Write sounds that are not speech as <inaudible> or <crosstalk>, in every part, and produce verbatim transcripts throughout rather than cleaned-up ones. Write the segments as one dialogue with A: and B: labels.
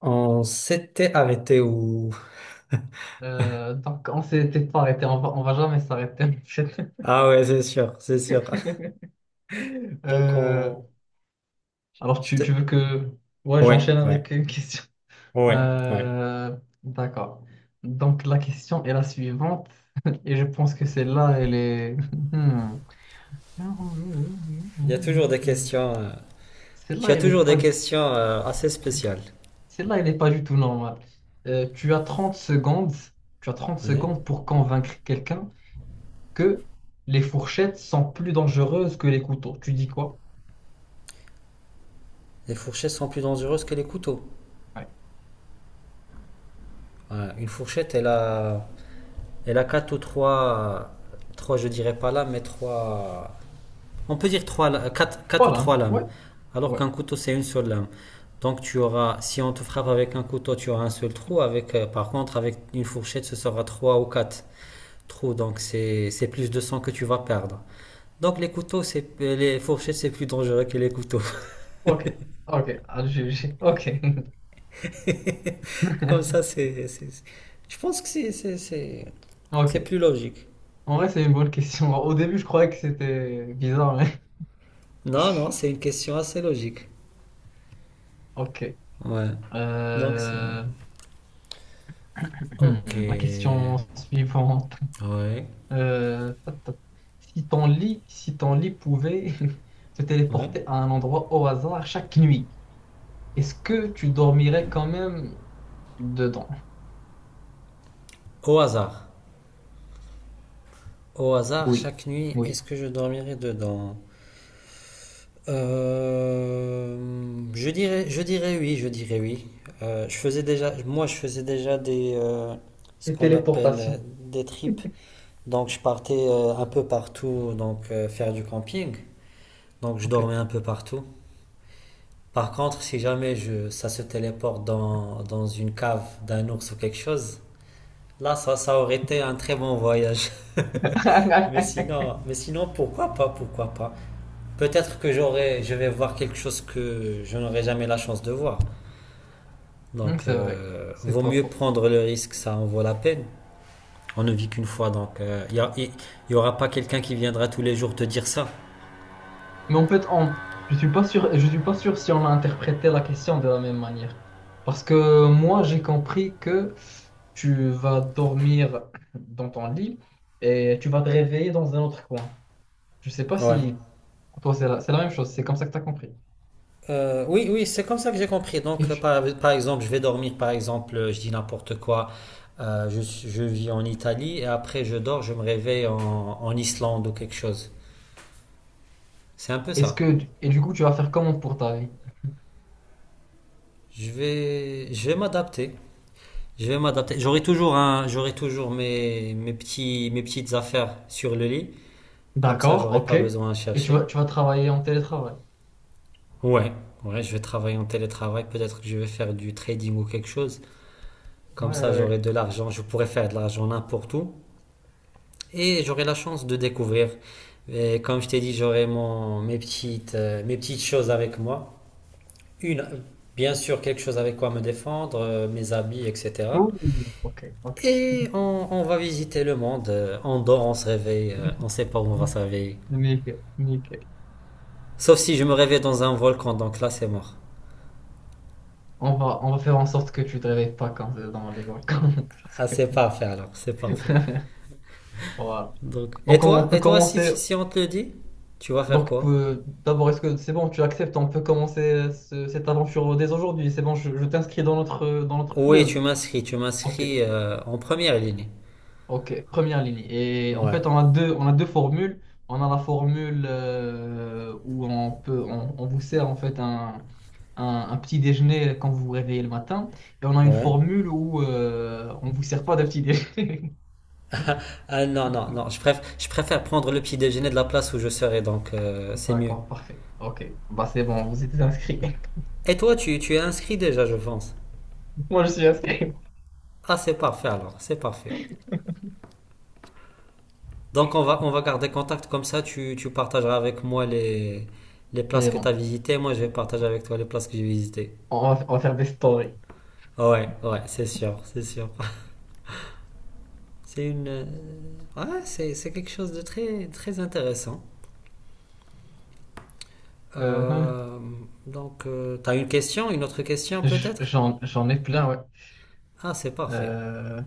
A: On s'était arrêté où? <laughs>
B: Euh, donc, on s'était pas arrêté, on va, on va jamais s'arrêter en fait.
A: Ah ouais, c'est sûr, c'est sûr. <laughs>
B: <laughs>
A: Donc
B: Euh,
A: on...
B: alors,
A: Je
B: tu, tu
A: te-
B: veux que... Ouais,
A: Ouais,
B: j'enchaîne
A: ouais,
B: avec une question.
A: ouais, ouais.
B: Euh, d'accord. Donc, la question est la suivante, et je pense que celle-là, elle est... <laughs> Hmm.
A: Il y a toujours des questions... euh, Tu
B: Celle-là,
A: as
B: elle est
A: toujours
B: pas...
A: des questions euh, assez spéciales.
B: Celle-là, elle est pas du tout normale. Euh, tu as trente secondes, tu as trente
A: Ouais.
B: secondes pour convaincre quelqu'un que les fourchettes sont plus dangereuses que les couteaux. Tu dis quoi?
A: Les fourchettes sont plus dangereuses que les couteaux.
B: Ouais.
A: Ouais, une fourchette, elle a... Elle a quatre ou trois... Trois, je dirais pas là, mais trois... On peut dire trois, quatre, quatre ou trois
B: Voilà.
A: lames,
B: Ouais.
A: alors
B: Ouais.
A: qu'un couteau c'est une seule lame. Donc tu auras, si on te frappe avec un couteau, tu auras un seul trou. Avec, euh, par contre, avec une fourchette, ce sera trois ou quatre trous. Donc c'est c'est plus de sang que tu vas perdre. Donc les couteaux, les fourchettes, c'est plus dangereux que les couteaux.
B: Ok. Ok. Ah, j'ai- j'ai- Ok.
A: <laughs> Comme ça,
B: <laughs>
A: c'est, je pense que c'est c'est- c'est
B: Ok.
A: plus logique.
B: En vrai, c'est une bonne question. Au début, je croyais que c'était bizarre, mais... <laughs>
A: Non, non, c'est une question assez logique.
B: Ok.
A: Ouais. Donc c'est.
B: Euh,
A: Ok.
B: hmm, La
A: Ouais.
B: question suivante. Euh, ta, ta, ta. Si ton lit, si ton lit pouvait <laughs> te
A: Ouais.
B: téléporter à un endroit au hasard chaque nuit, est-ce que tu dormirais quand même dedans?
A: Au hasard. Au hasard,
B: Oui.
A: chaque nuit,
B: Oui.
A: est-ce que je dormirai dedans? Euh, je dirais, je dirais oui, je dirais oui. Euh, je faisais déjà, moi, je faisais déjà des, euh, ce
B: Les
A: qu'on appelle euh,
B: téléportations.
A: des trips. Donc, je partais euh, un peu partout, donc euh, faire du camping. Donc, je
B: Ok.
A: dormais un peu partout. Par contre, si jamais je, ça se téléporte dans, dans une cave d'un ours ou quelque chose, là, ça, ça aurait été un très bon voyage. <laughs> Mais
B: <laughs>
A: sinon, mais sinon, pourquoi pas, pourquoi pas? Peut-être que j'aurai, je vais voir quelque chose que je n'aurai jamais la chance de voir.
B: Hmm,
A: Donc,
B: C'est vrai.
A: euh,
B: C'est
A: vaut
B: pas
A: mieux
B: faux.
A: prendre le risque, ça en vaut la peine. On ne vit qu'une fois, donc il euh, n'y aura pas quelqu'un qui viendra tous les jours te dire ça.
B: Mais en fait, on, je suis pas sûr, je suis pas sûr si on a interprété la question de la même manière. Parce que moi, j'ai compris que tu vas dormir dans ton lit et tu vas te réveiller dans un autre coin. Je sais pas
A: Ouais.
B: si pour toi, c'est la, c'est la même chose. C'est comme ça que tu as compris.
A: Euh, oui, oui, c'est comme ça que j'ai compris. Donc,
B: Et
A: euh,
B: tu-
A: par, par exemple, je vais dormir, par exemple, euh, je dis n'importe quoi, euh, je, je vis en Italie et après je dors, je me réveille en, en Islande ou quelque chose. C'est un peu
B: est-ce
A: ça.
B: que, et du coup, tu vas faire comment pour ta vie?
A: Je vais, je vais m'adapter. Je vais m'adapter. J'aurai toujours un, j'aurai toujours mes, mes petits, mes petites affaires sur le lit. Comme ça,
B: D'accord,
A: j'aurai
B: ok.
A: pas besoin à
B: Et tu
A: chercher.
B: vas, tu vas travailler en télétravail.
A: Ouais, ouais, je vais travailler en télétravail. Peut-être que je vais faire du trading ou quelque chose. Comme
B: Ouais, ouais,
A: ça, j'aurai
B: ouais.
A: de l'argent. Je pourrai faire de l'argent n'importe où. Et j'aurai la chance de découvrir. Et comme je t'ai dit, j'aurai mon, mes petites, euh, mes petites choses avec moi. Une, bien sûr, quelque chose avec quoi me défendre, euh, mes habits, et cetera.
B: Ouh, ok, ok.
A: Et on, on va visiter le monde. euh, On dort, on se réveille. euh, On sait pas où on va se réveiller.
B: Nickel, nickel.
A: Sauf si je me réveille dans un volcan, donc là c'est mort.
B: On va, on va faire en sorte que tu te réveilles pas quand c'est dans les volcans. <laughs> parce
A: Ah, c'est
B: que-
A: parfait alors, c'est parfait.
B: <laughs> Voilà.
A: Donc, et
B: Donc on on
A: toi,
B: peut
A: et toi, si,
B: commencer.
A: si on te le dit, tu vas faire
B: Donc,
A: quoi?
B: euh, d'abord, est-ce que c'est bon, tu acceptes, on peut commencer euh, ce- cette aventure dès aujourd'hui. C'est bon, je, je t'inscris dans notre, euh, dans notre
A: Oui, tu
B: club.
A: m'inscris, tu
B: Ok,
A: m'inscris euh, en première ligne.
B: ok. Première ligne. Et en
A: Ouais.
B: fait, on a deux, on a deux formules. On a la formule euh, où on peut, on, on vous sert en fait un, un, un petit déjeuner quand vous vous réveillez le matin. Et on a une
A: Ouais.
B: formule où euh, on vous sert pas de petit déjeuner. <laughs>
A: Ah non, non, non, je préfère, je préfère prendre le petit déjeuner de la place où je serai, donc euh, c'est mieux.
B: D'accord, parfait. Ok. Bah, c'est bon, vous êtes inscrit.
A: Et toi, tu, tu es inscrit déjà, je pense.
B: <laughs> Moi, je suis inscrit.
A: Ah, c'est parfait alors, c'est parfait. Donc on va, on va garder contact comme ça, tu, tu partageras avec moi les, les places
B: C'est
A: que tu as
B: bon.
A: visitées, moi je vais partager avec toi les places que j'ai visitées.
B: On va, on va faire des stories.
A: Ah ouais, ouais, c'est sûr, c'est sûr. <laughs> C'est une... euh, Ouais, c'est, c'est quelque chose de très, très intéressant.
B: Euh, hein.
A: Euh, donc, euh, t'as une question, une autre question
B: J-
A: peut-être?
B: j'en, j'en ai plein, ouais.
A: Ah, c'est parfait.
B: Euh,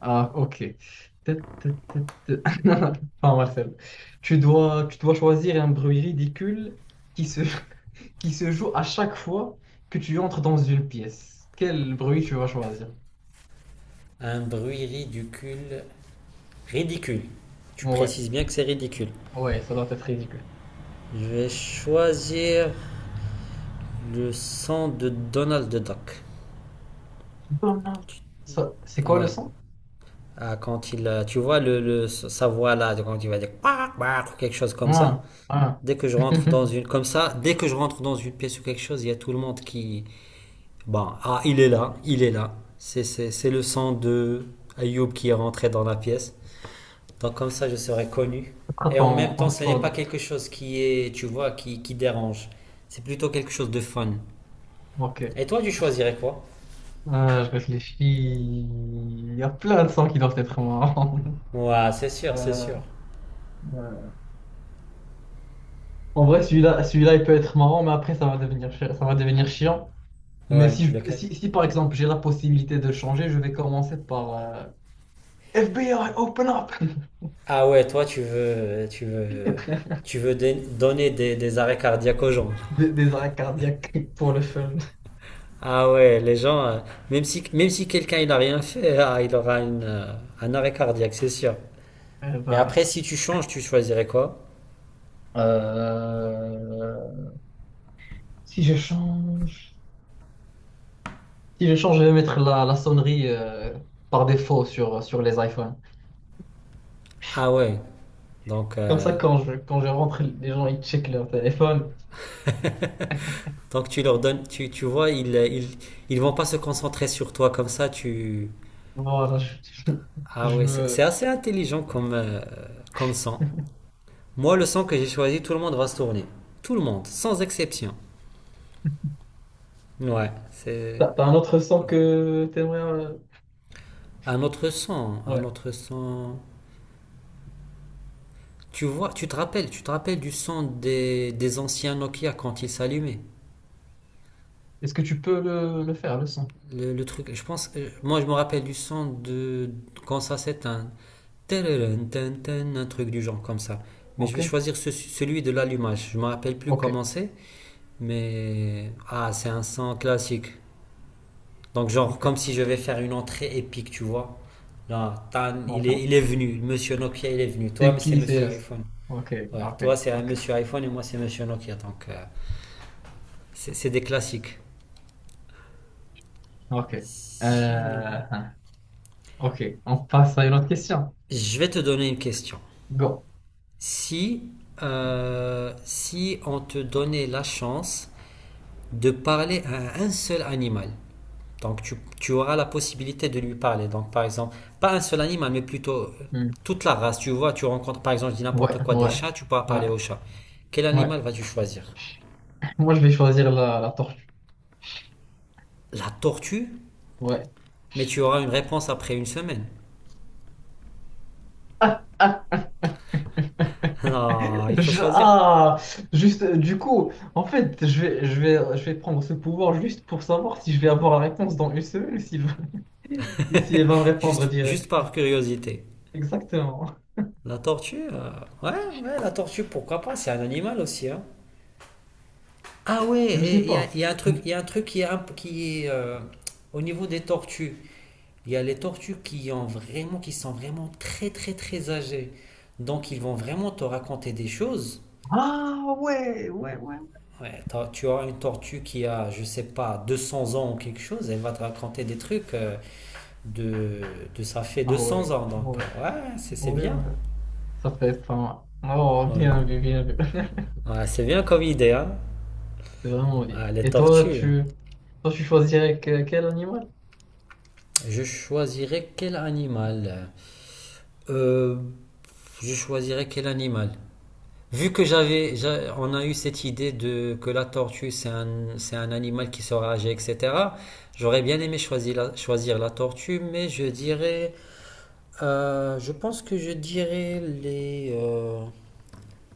B: Ah, ok. Tut, tut, tut, tut. <laughs> Pas mal, celle-là. Tu dois, tu dois choisir un bruit ridicule qui se, <laughs> qui se joue à chaque fois que tu entres dans une pièce. Quel bruit tu vas choisir?
A: Un bruit ridicule. Ridicule. Tu
B: Ouais,
A: précises bien que c'est ridicule.
B: ouais, ça doit être ridicule.
A: Je vais choisir le son de Donald Duck.
B: Donald. Ça- C'est quoi le
A: Ouais,
B: son?
A: ah, quand il, euh, tu vois le, le- sa voix là, quand il va dire Quack, quack ou quelque chose comme ça.
B: Ah, ah.
A: Dès que je rentre
B: <laughs>
A: dans une, comme ça, dès que je rentre dans une pièce ou quelque chose, il y a tout le monde qui, bon, ah, il est là, il est là. C'est, c'est, c'est le son de Ayoub qui est rentré dans la pièce. Donc comme ça, je serai connu.
B: Quoi
A: Et en
B: ton,
A: même temps,
B: ton
A: ce n'est pas
B: slogan?
A: quelque chose qui est, tu vois, qui, qui dérange. C'est plutôt quelque chose de fun. Et
B: Ok.
A: toi, tu choisirais quoi?
B: Euh, je réfléchis. Il y a plein de sons qui doivent être marrants. <laughs>
A: Ouais, c'est sûr, c'est
B: Euh,
A: sûr.
B: euh, En vrai, celui-là, celui-là, il peut être marrant, mais après, ça va devenir, chi- ça va devenir chiant. Mais
A: Ouais,
B: si, je-
A: lequel?
B: si, si, par exemple, j'ai la possibilité de changer, je vais commencer par euh, F B I, open up!
A: Ah ouais, toi, tu veux, tu veux,
B: <laughs>
A: tu veux dé- donner des, des arrêts cardiaques aux gens.
B: Des, des arrêts cardiaques pour le fun.
A: Ah ouais, les gens, euh, même si, même si quelqu'un il a rien fait, <laughs> ah, il aura une, euh, un arrêt cardiaque, c'est sûr.
B: Eh
A: Et après,
B: ben,
A: si tu changes, tu choisirais quoi?
B: euh, si je change, si je change, je vais mettre la, la sonnerie euh, par défaut sur, sur les iPhones.
A: Ah ouais, donc,
B: Comme
A: euh,
B: ça, quand je, quand je rentre, les gens ils checkent leur téléphone.
A: donc tu leur donnes, tu, tu vois, ils, ils, ils vont pas se concentrer sur toi comme ça, tu...
B: Voilà, je, je
A: Ah
B: je
A: ouais, c'est c'est
B: me.
A: assez intelligent comme, euh, comme sang. Moi, le sang que j'ai choisi, tout le monde va se tourner. Tout le monde, sans exception. Ouais, c'est
B: T'as, t'as un
A: c'est
B: autre son
A: plutôt
B: que t'aimerais. euh,
A: un autre son, un
B: Ouais.
A: autre son. Tu vois, tu te rappelles, tu te rappelles du son des, des anciens Nokia quand ils s'allumaient.
B: Est-ce que tu peux le, le faire, le son?
A: Le, le truc, je pense, euh, moi je me rappelle du son de quand ça s'éteint, Tadadun, tan, tan, un truc du genre comme ça. Mais je vais
B: Ok.
A: choisir ce- celui de l'allumage. Je me rappelle plus
B: Ok.
A: comment c'est, mais ah, c'est un son classique. Donc, genre,
B: Ok.
A: comme si je vais faire une entrée épique, tu vois. Là, Tan, il est,
B: D'accord.
A: il est venu. Monsieur Nokia, il est venu. Toi,
B: C'est
A: mais c'est
B: qui,
A: Monsieur
B: c'est.
A: iPhone.
B: Ok.
A: Ouais,
B: Ok.
A: toi, c'est
B: Ok.
A: Monsieur iPhone et moi, c'est Monsieur Nokia. Donc, euh, c'est c'est des classiques.
B: Ok.
A: Sinon,
B: Euh, Ok. On passe à une autre question.
A: je vais te donner une question.
B: Go.
A: Si, euh, Si on te donnait la chance de parler à un seul animal. Donc tu, tu auras la possibilité de lui parler. Donc par exemple, pas un seul animal, mais plutôt euh,
B: Hmm.
A: toute la race. Tu vois, tu rencontres par exemple, je dis
B: Ouais.
A: n'importe quoi, des
B: Ouais.
A: chats, tu pourras
B: Ouais.
A: parler aux chats. Quel
B: Ouais.
A: animal vas-tu choisir?
B: Moi, je vais choisir la, la tortue.
A: La tortue?
B: Ouais.
A: Mais tu auras une réponse après une semaine. <laughs>
B: <laughs>
A: Non, il
B: <laughs>
A: faut
B: Je-
A: choisir.
B: ah, juste, euh, du coup, en fait, je vais, je vais, je vais prendre ce pouvoir juste pour savoir si je vais avoir la réponse dans une semaine ou si, <laughs> ou si elle va me répondre
A: Juste, juste
B: direct.
A: par curiosité.
B: Exactement.
A: La tortue euh, Ouais, ouais, la tortue, pourquoi pas? C'est un animal aussi, hein. Ah
B: Je
A: ouais,
B: sais
A: il y a,
B: pas.
A: y a un truc,
B: Mm.
A: il y a un truc qui est, un- qui est, euh, au niveau des tortues. Il y a les tortues qui ont vraiment, qui sont vraiment très très très âgées. Donc ils vont vraiment te raconter des choses.
B: Ah ouais, ouais, ouais.
A: Ouais, t'as- tu auras une tortue qui a, je sais pas, deux cents ans ou quelque chose, elle va te raconter des trucs euh, de, de ça fait deux
B: Ah
A: cents
B: ouais,
A: ans. Donc
B: ouais,
A: euh,
B: ouais,
A: ouais, c'est c'est
B: ouais,
A: bien.
B: ouais. Ça fait enfin. Oh,
A: Ouais.
B: bien vu, bien vu. <laughs>
A: Ouais, c'est bien comme idée, hein.
B: C'est vraiment bien.
A: Ah, les
B: Et toi,
A: tortues.
B: tu, toi, tu choisirais que- quel animal?
A: Je choisirais quel animal? Euh, je choisirais quel animal? Vu que j'avais, j'a- on a eu cette idée de que la tortue c'est un, c'est un animal qui sera âgé, et cetera. J'aurais bien aimé choisir la, choisir la tortue, mais je dirais, euh, je pense que je dirais les, euh,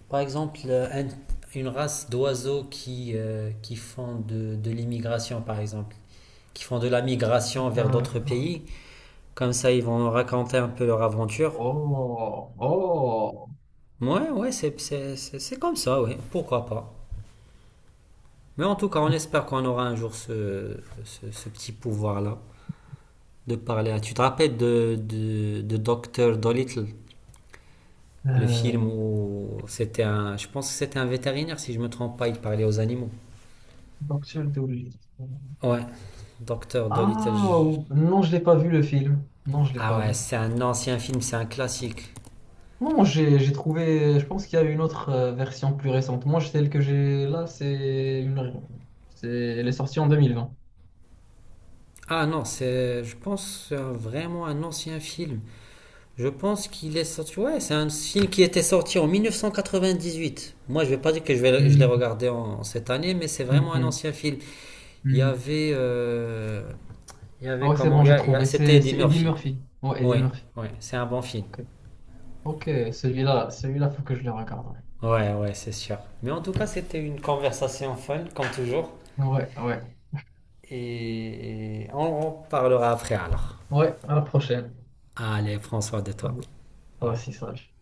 A: par exemple, euh, un- une race d'oiseaux qui, euh, qui font de, de l'immigration, par exemple, qui font de la migration vers d'autres
B: D'accord.
A: pays. Comme ça, ils vont raconter un peu leur aventure.
B: Oh, oh.
A: Ouais, ouais, c'est, c'est, c'est c'est comme ça, ouais. Pourquoi pas? Mais en tout cas, on
B: <laughs>
A: espère qu'on aura un jour ce, ce, ce petit pouvoir-là de parler. Tu te rappelles de, de, de docteur Dolittle, le film
B: Euh,
A: où c'était un. Je pense que c'était un vétérinaire, si je ne me trompe pas, il parlait aux animaux.
B: Docteur Dolittle.
A: Ouais, docteur Dolittle.
B: Ah,
A: je-
B: ou- non, je l'ai pas vu le film. Non, je l'ai
A: Ah
B: pas
A: ouais,
B: vu.
A: c'est un ancien film, c'est un classique.
B: Non, j'ai j'ai trouvé. Je pense qu'il y a une autre euh, version plus récente. Moi, celle que j'ai là, c'est une. C'est, elle est sortie en deux mille vingt.
A: Ah non, c'est. Je pense c'est vraiment un ancien film. Je pense qu'il est sorti. Ouais, c'est un film qui était sorti en mille neuf cent quatre-vingt-dix-huit. Moi, je vais pas dire que je vais, je l'ai
B: Hmm,
A: regardé en, cette année, mais c'est
B: hmm,
A: vraiment un
B: hmm,
A: ancien film. Il y
B: hmm.
A: avait, euh, il y
B: Ah
A: avait
B: ouais, c'est
A: comment,
B: bon,
A: il y
B: j'ai
A: a- il y a-
B: trouvé.
A: c'était
B: C'est
A: Eddie
B: c'est Eddie
A: Murphy.
B: Murphy. Ouais, Eddie
A: Oui,
B: Murphy.
A: oui, c'est un bon film.
B: Ok, ok, celui-là, celui-là, faut que je le regarde.
A: Ouais, ouais, c'est sûr. Mais en tout cas, c'était une conversation fun, comme toujours.
B: Ouais, ouais, ouais.
A: Et, et on, on parlera après alors.
B: Ouais, à la prochaine.
A: Allez, François, de toi.
B: Vas-y.
A: Au
B: Toi
A: revoir.
B: aussi, sage.